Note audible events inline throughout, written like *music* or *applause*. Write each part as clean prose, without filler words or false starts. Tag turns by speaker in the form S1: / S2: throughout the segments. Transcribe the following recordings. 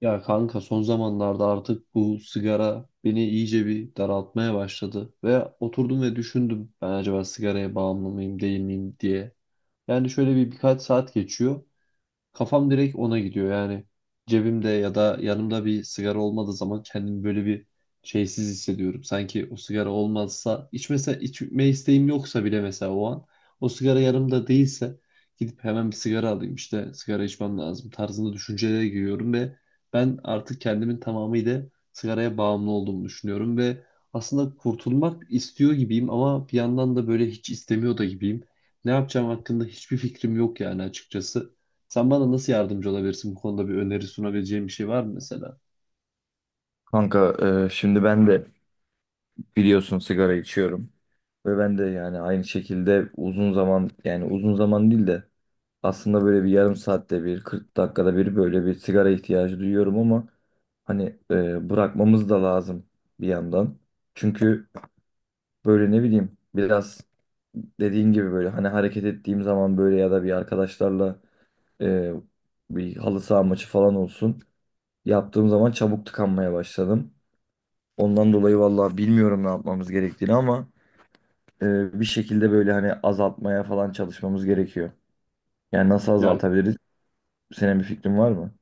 S1: Ya kanka son zamanlarda artık bu sigara beni iyice bir daraltmaya başladı ve oturdum ve düşündüm ben acaba sigaraya bağımlı mıyım değil miyim diye. Yani şöyle birkaç saat geçiyor. Kafam direkt ona gidiyor yani. Cebimde ya da yanımda bir sigara olmadığı zaman kendimi böyle bir şeysiz hissediyorum. Sanki o sigara olmazsa, içmese, içme isteğim yoksa bile mesela o an o sigara yanımda değilse gidip hemen bir sigara alayım, işte sigara içmem lazım tarzında düşüncelere giriyorum ve ben artık kendimin tamamıyla sigaraya bağımlı olduğumu düşünüyorum ve aslında kurtulmak istiyor gibiyim ama bir yandan da böyle hiç istemiyor da gibiyim. Ne yapacağım hakkında hiçbir fikrim yok yani açıkçası. Sen bana nasıl yardımcı olabilirsin, bu konuda bir öneri sunabileceğin bir şey var mı mesela?
S2: Kanka şimdi ben de biliyorsun sigara içiyorum ve ben de yani aynı şekilde uzun zaman değil de aslında böyle bir yarım saatte bir 40 dakikada bir böyle bir sigara ihtiyacı duyuyorum ama hani bırakmamız da lazım bir yandan. Çünkü böyle ne bileyim biraz dediğin gibi böyle hani hareket ettiğim zaman böyle ya da bir arkadaşlarla e, bir halı saha maçı falan olsun yaptığım zaman çabuk tıkanmaya başladım. Ondan dolayı vallahi bilmiyorum ne yapmamız gerektiğini ama bir şekilde böyle hani azaltmaya falan çalışmamız gerekiyor. Yani nasıl
S1: Ya
S2: azaltabiliriz? Senin bir fikrin var mı?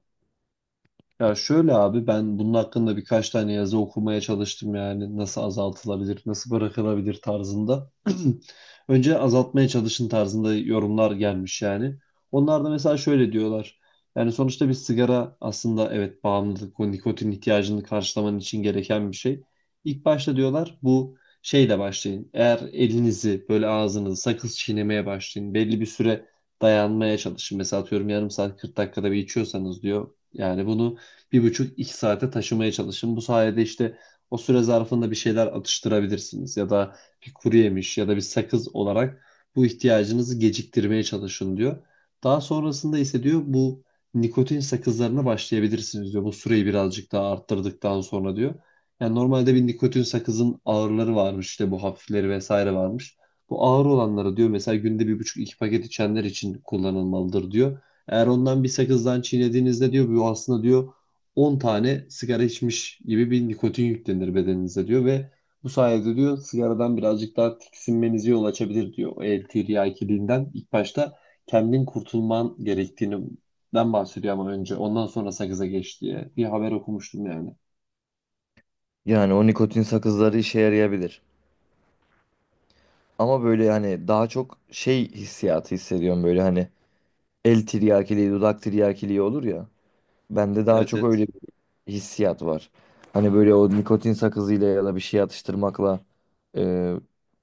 S1: Ya şöyle abi, ben bunun hakkında birkaç tane yazı okumaya çalıştım, yani nasıl azaltılabilir, nasıl bırakılabilir tarzında. *clears throat* Önce azaltmaya çalışın tarzında yorumlar gelmiş yani. Onlar da mesela şöyle diyorlar. Yani sonuçta bir sigara aslında evet bağımlılık, o nikotin ihtiyacını karşılaman için gereken bir şey. İlk başta diyorlar bu şeyle başlayın. Eğer elinizi böyle, ağzınızı sakız çiğnemeye başlayın. Belli bir süre dayanmaya çalışın. Mesela atıyorum yarım saat 40 dakikada bir içiyorsanız diyor. Yani bunu 1,5-2 saate taşımaya çalışın. Bu sayede işte o süre zarfında bir şeyler atıştırabilirsiniz ya da bir kuru yemiş ya da bir sakız olarak bu ihtiyacınızı geciktirmeye çalışın diyor. Daha sonrasında ise diyor bu nikotin sakızlarına başlayabilirsiniz diyor. Bu süreyi birazcık daha arttırdıktan sonra diyor. Yani normalde bir nikotin sakızın ağırları varmış, işte bu hafifleri vesaire varmış. Bu ağır olanları diyor mesela günde 1,5-2 paket içenler için kullanılmalıdır diyor. Eğer ondan bir sakızdan çiğnediğinizde diyor, bu aslında diyor 10 tane sigara içmiş gibi bir nikotin yüklenir bedeninize diyor ve bu sayede diyor sigaradan birazcık daha tiksinmenizi yol açabilir diyor. O el tiryakiliğinden ilk başta kendin kurtulman gerektiğinden bahsediyor ama önce ondan sonra sakıza geç diye bir haber okumuştum yani.
S2: Yani o nikotin sakızları işe yarayabilir. Ama böyle hani daha çok şey hissiyatı hissediyorum böyle hani el tiryakiliği, dudak tiryakiliği olur ya. Bende daha
S1: Evet,
S2: çok
S1: evet.
S2: öyle bir hissiyat var. Hani böyle o nikotin sakızıyla ya da bir şey atıştırmakla e,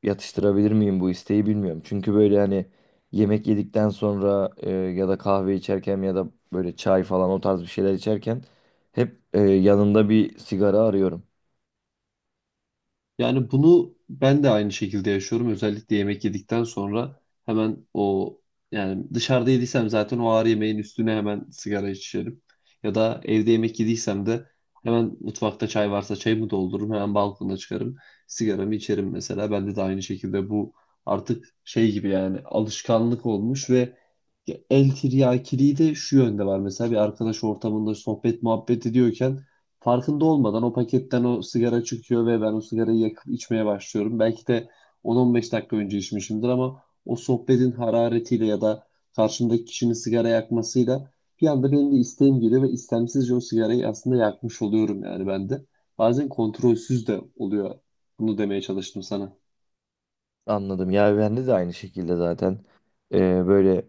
S2: yatıştırabilir miyim bu isteği bilmiyorum. Çünkü böyle hani yemek yedikten sonra ya da kahve içerken ya da böyle çay falan o tarz bir şeyler içerken hep yanında bir sigara arıyorum.
S1: Yani bunu ben de aynı şekilde yaşıyorum. Özellikle yemek yedikten sonra hemen o, yani dışarıda yediysem zaten o ağır yemeğin üstüne hemen sigara içerim. Ya da evde yemek yediysem de hemen mutfakta çay varsa çayımı doldururum. Hemen balkona çıkarım. Sigaramı içerim mesela. Bende de aynı şekilde bu artık şey gibi, yani alışkanlık olmuş ve el tiryakiliği de şu yönde var. Mesela bir arkadaş ortamında sohbet muhabbet ediyorken farkında olmadan o paketten o sigara çıkıyor ve ben o sigarayı yakıp içmeye başlıyorum. Belki de 10-15 dakika önce içmişimdir ama o sohbetin hararetiyle ya da karşımdaki kişinin sigara yakmasıyla bir anda benim de isteğim geliyor ve istemsizce o sigarayı aslında yakmış oluyorum yani ben de. Bazen kontrolsüz de oluyor. Bunu demeye çalıştım sana.
S2: Anladım. Ya bende de aynı şekilde zaten. E, Böyle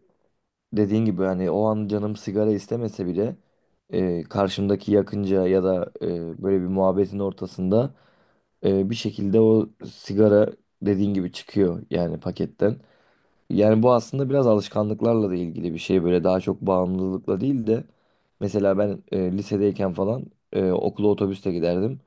S2: dediğin gibi hani o an canım sigara istemese bile karşımdaki yakınca ya da böyle bir muhabbetin ortasında bir şekilde o sigara dediğin gibi çıkıyor yani paketten. Yani bu aslında biraz alışkanlıklarla da ilgili bir şey böyle daha çok bağımlılıkla değil de mesela ben lisedeyken falan okula otobüste giderdim.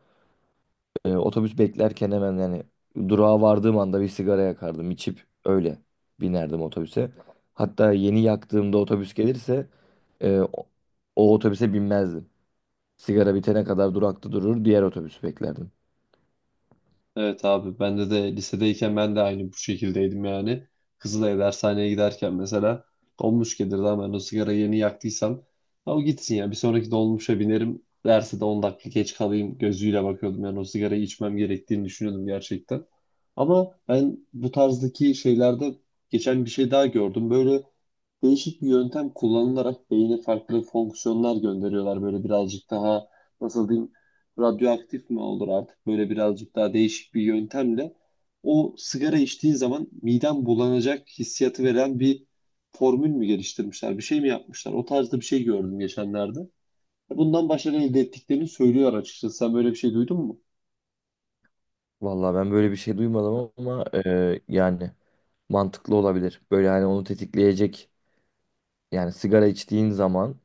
S2: Otobüs beklerken hemen yani durağa vardığım anda bir sigara yakardım içip öyle binerdim otobüse. Hatta yeni yaktığımda otobüs gelirse e, o, o otobüse binmezdim. Sigara bitene kadar durakta durur diğer otobüsü beklerdim.
S1: Evet abi, bende de lisedeyken ben de aynı bu şekildeydim yani. Kızılay'a dershaneye giderken mesela dolmuş gelirdi ama ben o sigara yeni yaktıysam, ha o gitsin ya, bir sonraki dolmuşa binerim derse de 10 dakika geç kalayım gözüyle bakıyordum yani, o sigarayı içmem gerektiğini düşünüyordum gerçekten. Ama ben bu tarzdaki şeylerde geçen bir şey daha gördüm. Böyle değişik bir yöntem kullanılarak beyine farklı fonksiyonlar gönderiyorlar. Böyle birazcık daha nasıl diyeyim, radyoaktif mi olur artık, böyle birazcık daha değişik bir yöntemle o sigara içtiğin zaman miden bulanacak hissiyatı veren bir formül mü geliştirmişler, bir şey mi yapmışlar, o tarzda bir şey gördüm geçenlerde. Bundan başarı elde ettiklerini söylüyor açıkçası. Sen böyle bir şey duydun mu?
S2: Vallahi ben böyle bir şey duymadım ama yani mantıklı olabilir. Böyle hani onu tetikleyecek yani sigara içtiğin zaman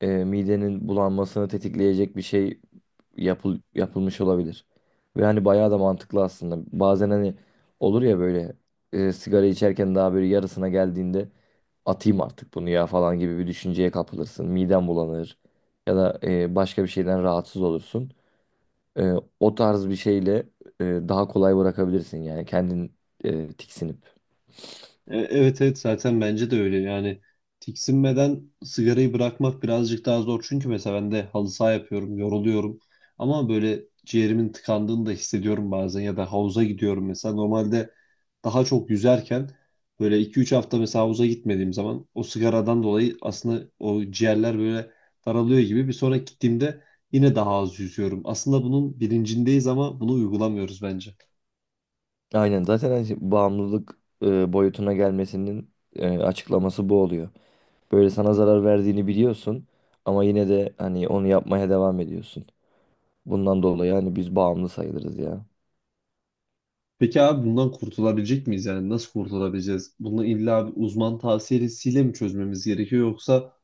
S2: midenin bulanmasını tetikleyecek bir şey yapılmış olabilir. Ve hani bayağı da mantıklı aslında. Bazen hani olur ya böyle sigara içerken daha böyle yarısına geldiğinde atayım artık bunu ya falan gibi bir düşünceye kapılırsın. Miden bulanır ya da başka bir şeyden rahatsız olursun. E, O tarz bir şeyle daha kolay bırakabilirsin yani kendin tiksinip.
S1: Evet, evet, zaten bence de öyle yani. Tiksinmeden sigarayı bırakmak birazcık daha zor çünkü mesela ben de halı saha yapıyorum, yoruluyorum ama böyle ciğerimin tıkandığını da hissediyorum bazen, ya da havuza gidiyorum mesela. Normalde daha çok yüzerken böyle 2-3 hafta mesela havuza gitmediğim zaman o sigaradan dolayı aslında o ciğerler böyle daralıyor gibi, bir sonraki gittiğimde yine daha az yüzüyorum. Aslında bunun bilincindeyiz ama bunu uygulamıyoruz bence.
S2: Aynen zaten hani bağımlılık boyutuna gelmesinin açıklaması bu oluyor. Böyle sana zarar verdiğini biliyorsun ama yine de hani onu yapmaya devam ediyorsun. Bundan dolayı hani biz bağımlı sayılırız ya.
S1: Peki abi, bundan kurtulabilecek miyiz yani? Nasıl kurtulabileceğiz? Bunu illa bir uzman tavsiyesiyle mi çözmemiz gerekiyor, yoksa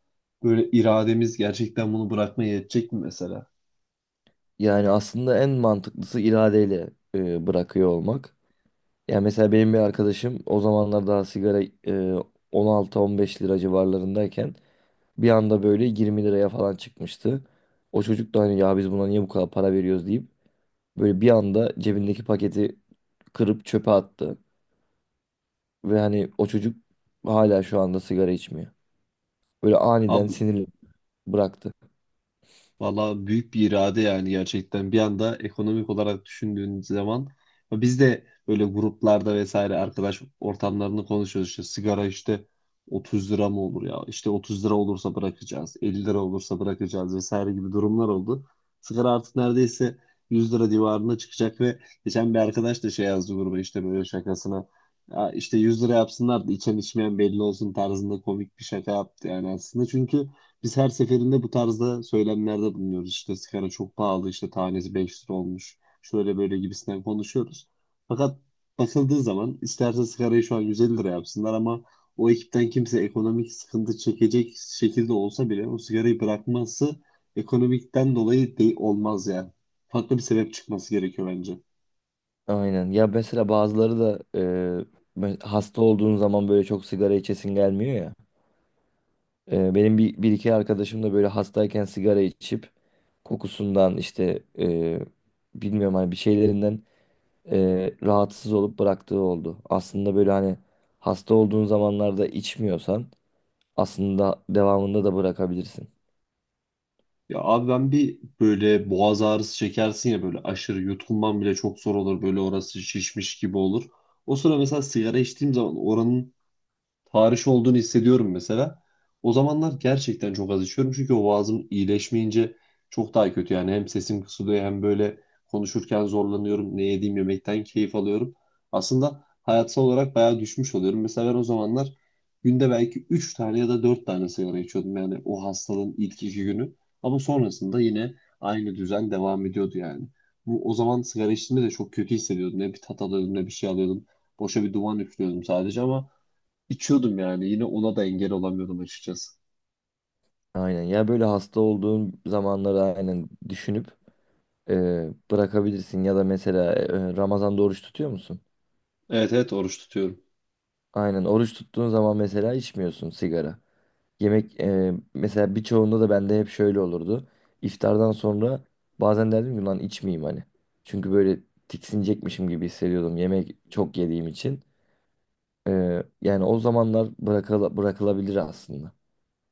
S1: böyle irademiz gerçekten bunu bırakmaya yetecek mi mesela?
S2: Yani aslında en mantıklısı iradeyle bırakıyor olmak. Yani mesela benim bir arkadaşım o zamanlar daha sigara 16-15 lira civarlarındayken bir anda böyle 20 liraya falan çıkmıştı. O çocuk da hani ya biz buna niye bu kadar para veriyoruz deyip böyle bir anda cebindeki paketi kırıp çöpe attı. Ve hani o çocuk hala şu anda sigara içmiyor. Böyle aniden
S1: Abi,
S2: sinirli bıraktı.
S1: valla büyük bir irade yani gerçekten. Bir anda ekonomik olarak düşündüğün zaman, ya biz de böyle gruplarda vesaire arkadaş ortamlarını konuşuyoruz. İşte sigara işte 30 lira mı olur ya? İşte 30 lira olursa bırakacağız, 50 lira olursa bırakacağız vesaire gibi durumlar oldu. Sigara artık neredeyse 100 lira civarına çıkacak ve geçen bir arkadaş da şey yazdı gruba işte, böyle şakasına. Ya işte 100 lira yapsınlar da içen içmeyen belli olsun tarzında komik bir şaka yaptı yani aslında. Çünkü biz her seferinde bu tarzda söylemlerde bulunuyoruz. İşte sigara çok pahalı, işte tanesi 5 lira olmuş, şöyle böyle gibisinden konuşuyoruz. Fakat bakıldığı zaman isterse sigarayı şu an 150 lira yapsınlar ama o ekipten kimse ekonomik sıkıntı çekecek şekilde olsa bile o sigarayı bırakması ekonomikten dolayı değil, olmaz yani. Farklı bir sebep çıkması gerekiyor bence.
S2: Aynen. Ya mesela bazıları da hasta olduğun zaman böyle çok sigara içesin gelmiyor ya. Benim bir iki arkadaşım da böyle hastayken sigara içip kokusundan işte bilmiyorum hani bir şeylerinden rahatsız olup bıraktığı oldu. Aslında böyle hani hasta olduğun zamanlarda içmiyorsan aslında devamında da bırakabilirsin.
S1: Ya abi, ben bir böyle boğaz ağrısı çekersin ya, böyle aşırı yutkunman bile çok zor olur, böyle orası şişmiş gibi olur. O sıra mesela sigara içtiğim zaman oranın tarih olduğunu hissediyorum mesela. O zamanlar gerçekten çok az içiyorum çünkü o boğazım iyileşmeyince çok daha kötü, yani hem sesim kısılıyor hem böyle konuşurken zorlanıyorum. Ne yediğim yemekten keyif alıyorum. Aslında hayatsal olarak bayağı düşmüş oluyorum. Mesela ben o zamanlar günde belki 3 tane ya da 4 tane sigara içiyordum yani, o hastalığın ilk 2 günü. Ama sonrasında yine aynı düzen devam ediyordu yani. Bu, o zaman sigara içtiğimde de çok kötü hissediyordum. Ne bir tat alıyordum ne bir şey alıyordum. Boşa bir duman üflüyordum sadece ama İçiyordum yani. Yine ona da engel olamıyordum açıkçası.
S2: Aynen. Ya böyle hasta olduğun zamanları aynen düşünüp bırakabilirsin ya da mesela Ramazan'da oruç tutuyor musun?
S1: Evet, evet, oruç tutuyorum.
S2: Aynen oruç tuttuğun zaman mesela içmiyorsun sigara. Yemek mesela birçoğunda da bende hep şöyle olurdu. İftardan sonra bazen derdim ki lan içmeyeyim hani. Çünkü böyle tiksinecekmişim gibi hissediyordum yemek çok yediğim için. Yani o zamanlar bırakılabilir aslında.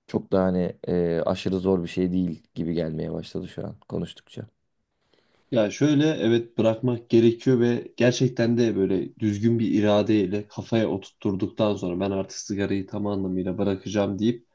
S2: Çok da hani aşırı zor bir şey değil gibi gelmeye başladı şu an konuştukça.
S1: Ya şöyle, evet bırakmak gerekiyor ve gerçekten de böyle düzgün bir iradeyle kafaya oturtturduktan sonra, ben artık sigarayı tam anlamıyla bırakacağım deyip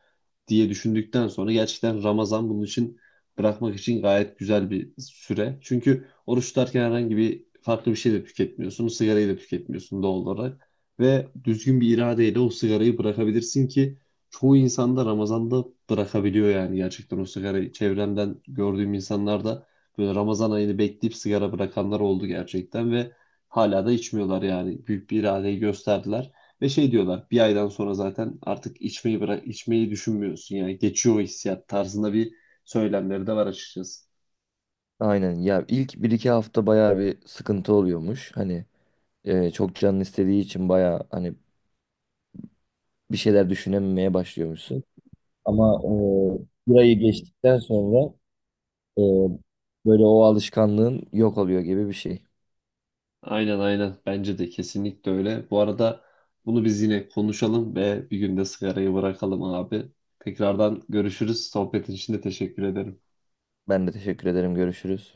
S1: diye düşündükten sonra, gerçekten Ramazan bunun için, bırakmak için gayet güzel bir süre. Çünkü oruç tutarken herhangi bir farklı bir şey de tüketmiyorsun. Sigarayı da tüketmiyorsun doğal olarak. Ve düzgün bir iradeyle o sigarayı bırakabilirsin ki çoğu insan da Ramazan'da bırakabiliyor yani gerçekten o sigarayı. Çevremden gördüğüm insanlar da böyle Ramazan ayını bekleyip sigara bırakanlar oldu gerçekten ve hala da içmiyorlar yani. Büyük bir iradeyi gösterdiler. Ve şey diyorlar, bir aydan sonra zaten artık içmeyi bırak, içmeyi düşünmüyorsun yani, geçiyor o hissiyat tarzında bir söylemleri de var açıkçası.
S2: Aynen ya ilk bir iki hafta bayağı bir sıkıntı oluyormuş. Hani çok canın istediği için baya hani bir şeyler düşünememeye başlıyormuşsun. Ama burayı geçtikten sonra e, böyle o alışkanlığın yok oluyor gibi bir şey.
S1: Aynen, aynen, bence de kesinlikle öyle. Bu arada bunu biz yine konuşalım ve bir gün de sigarayı bırakalım abi. Tekrardan görüşürüz. Sohbetin için de teşekkür ederim.
S2: Ben de teşekkür ederim. Görüşürüz.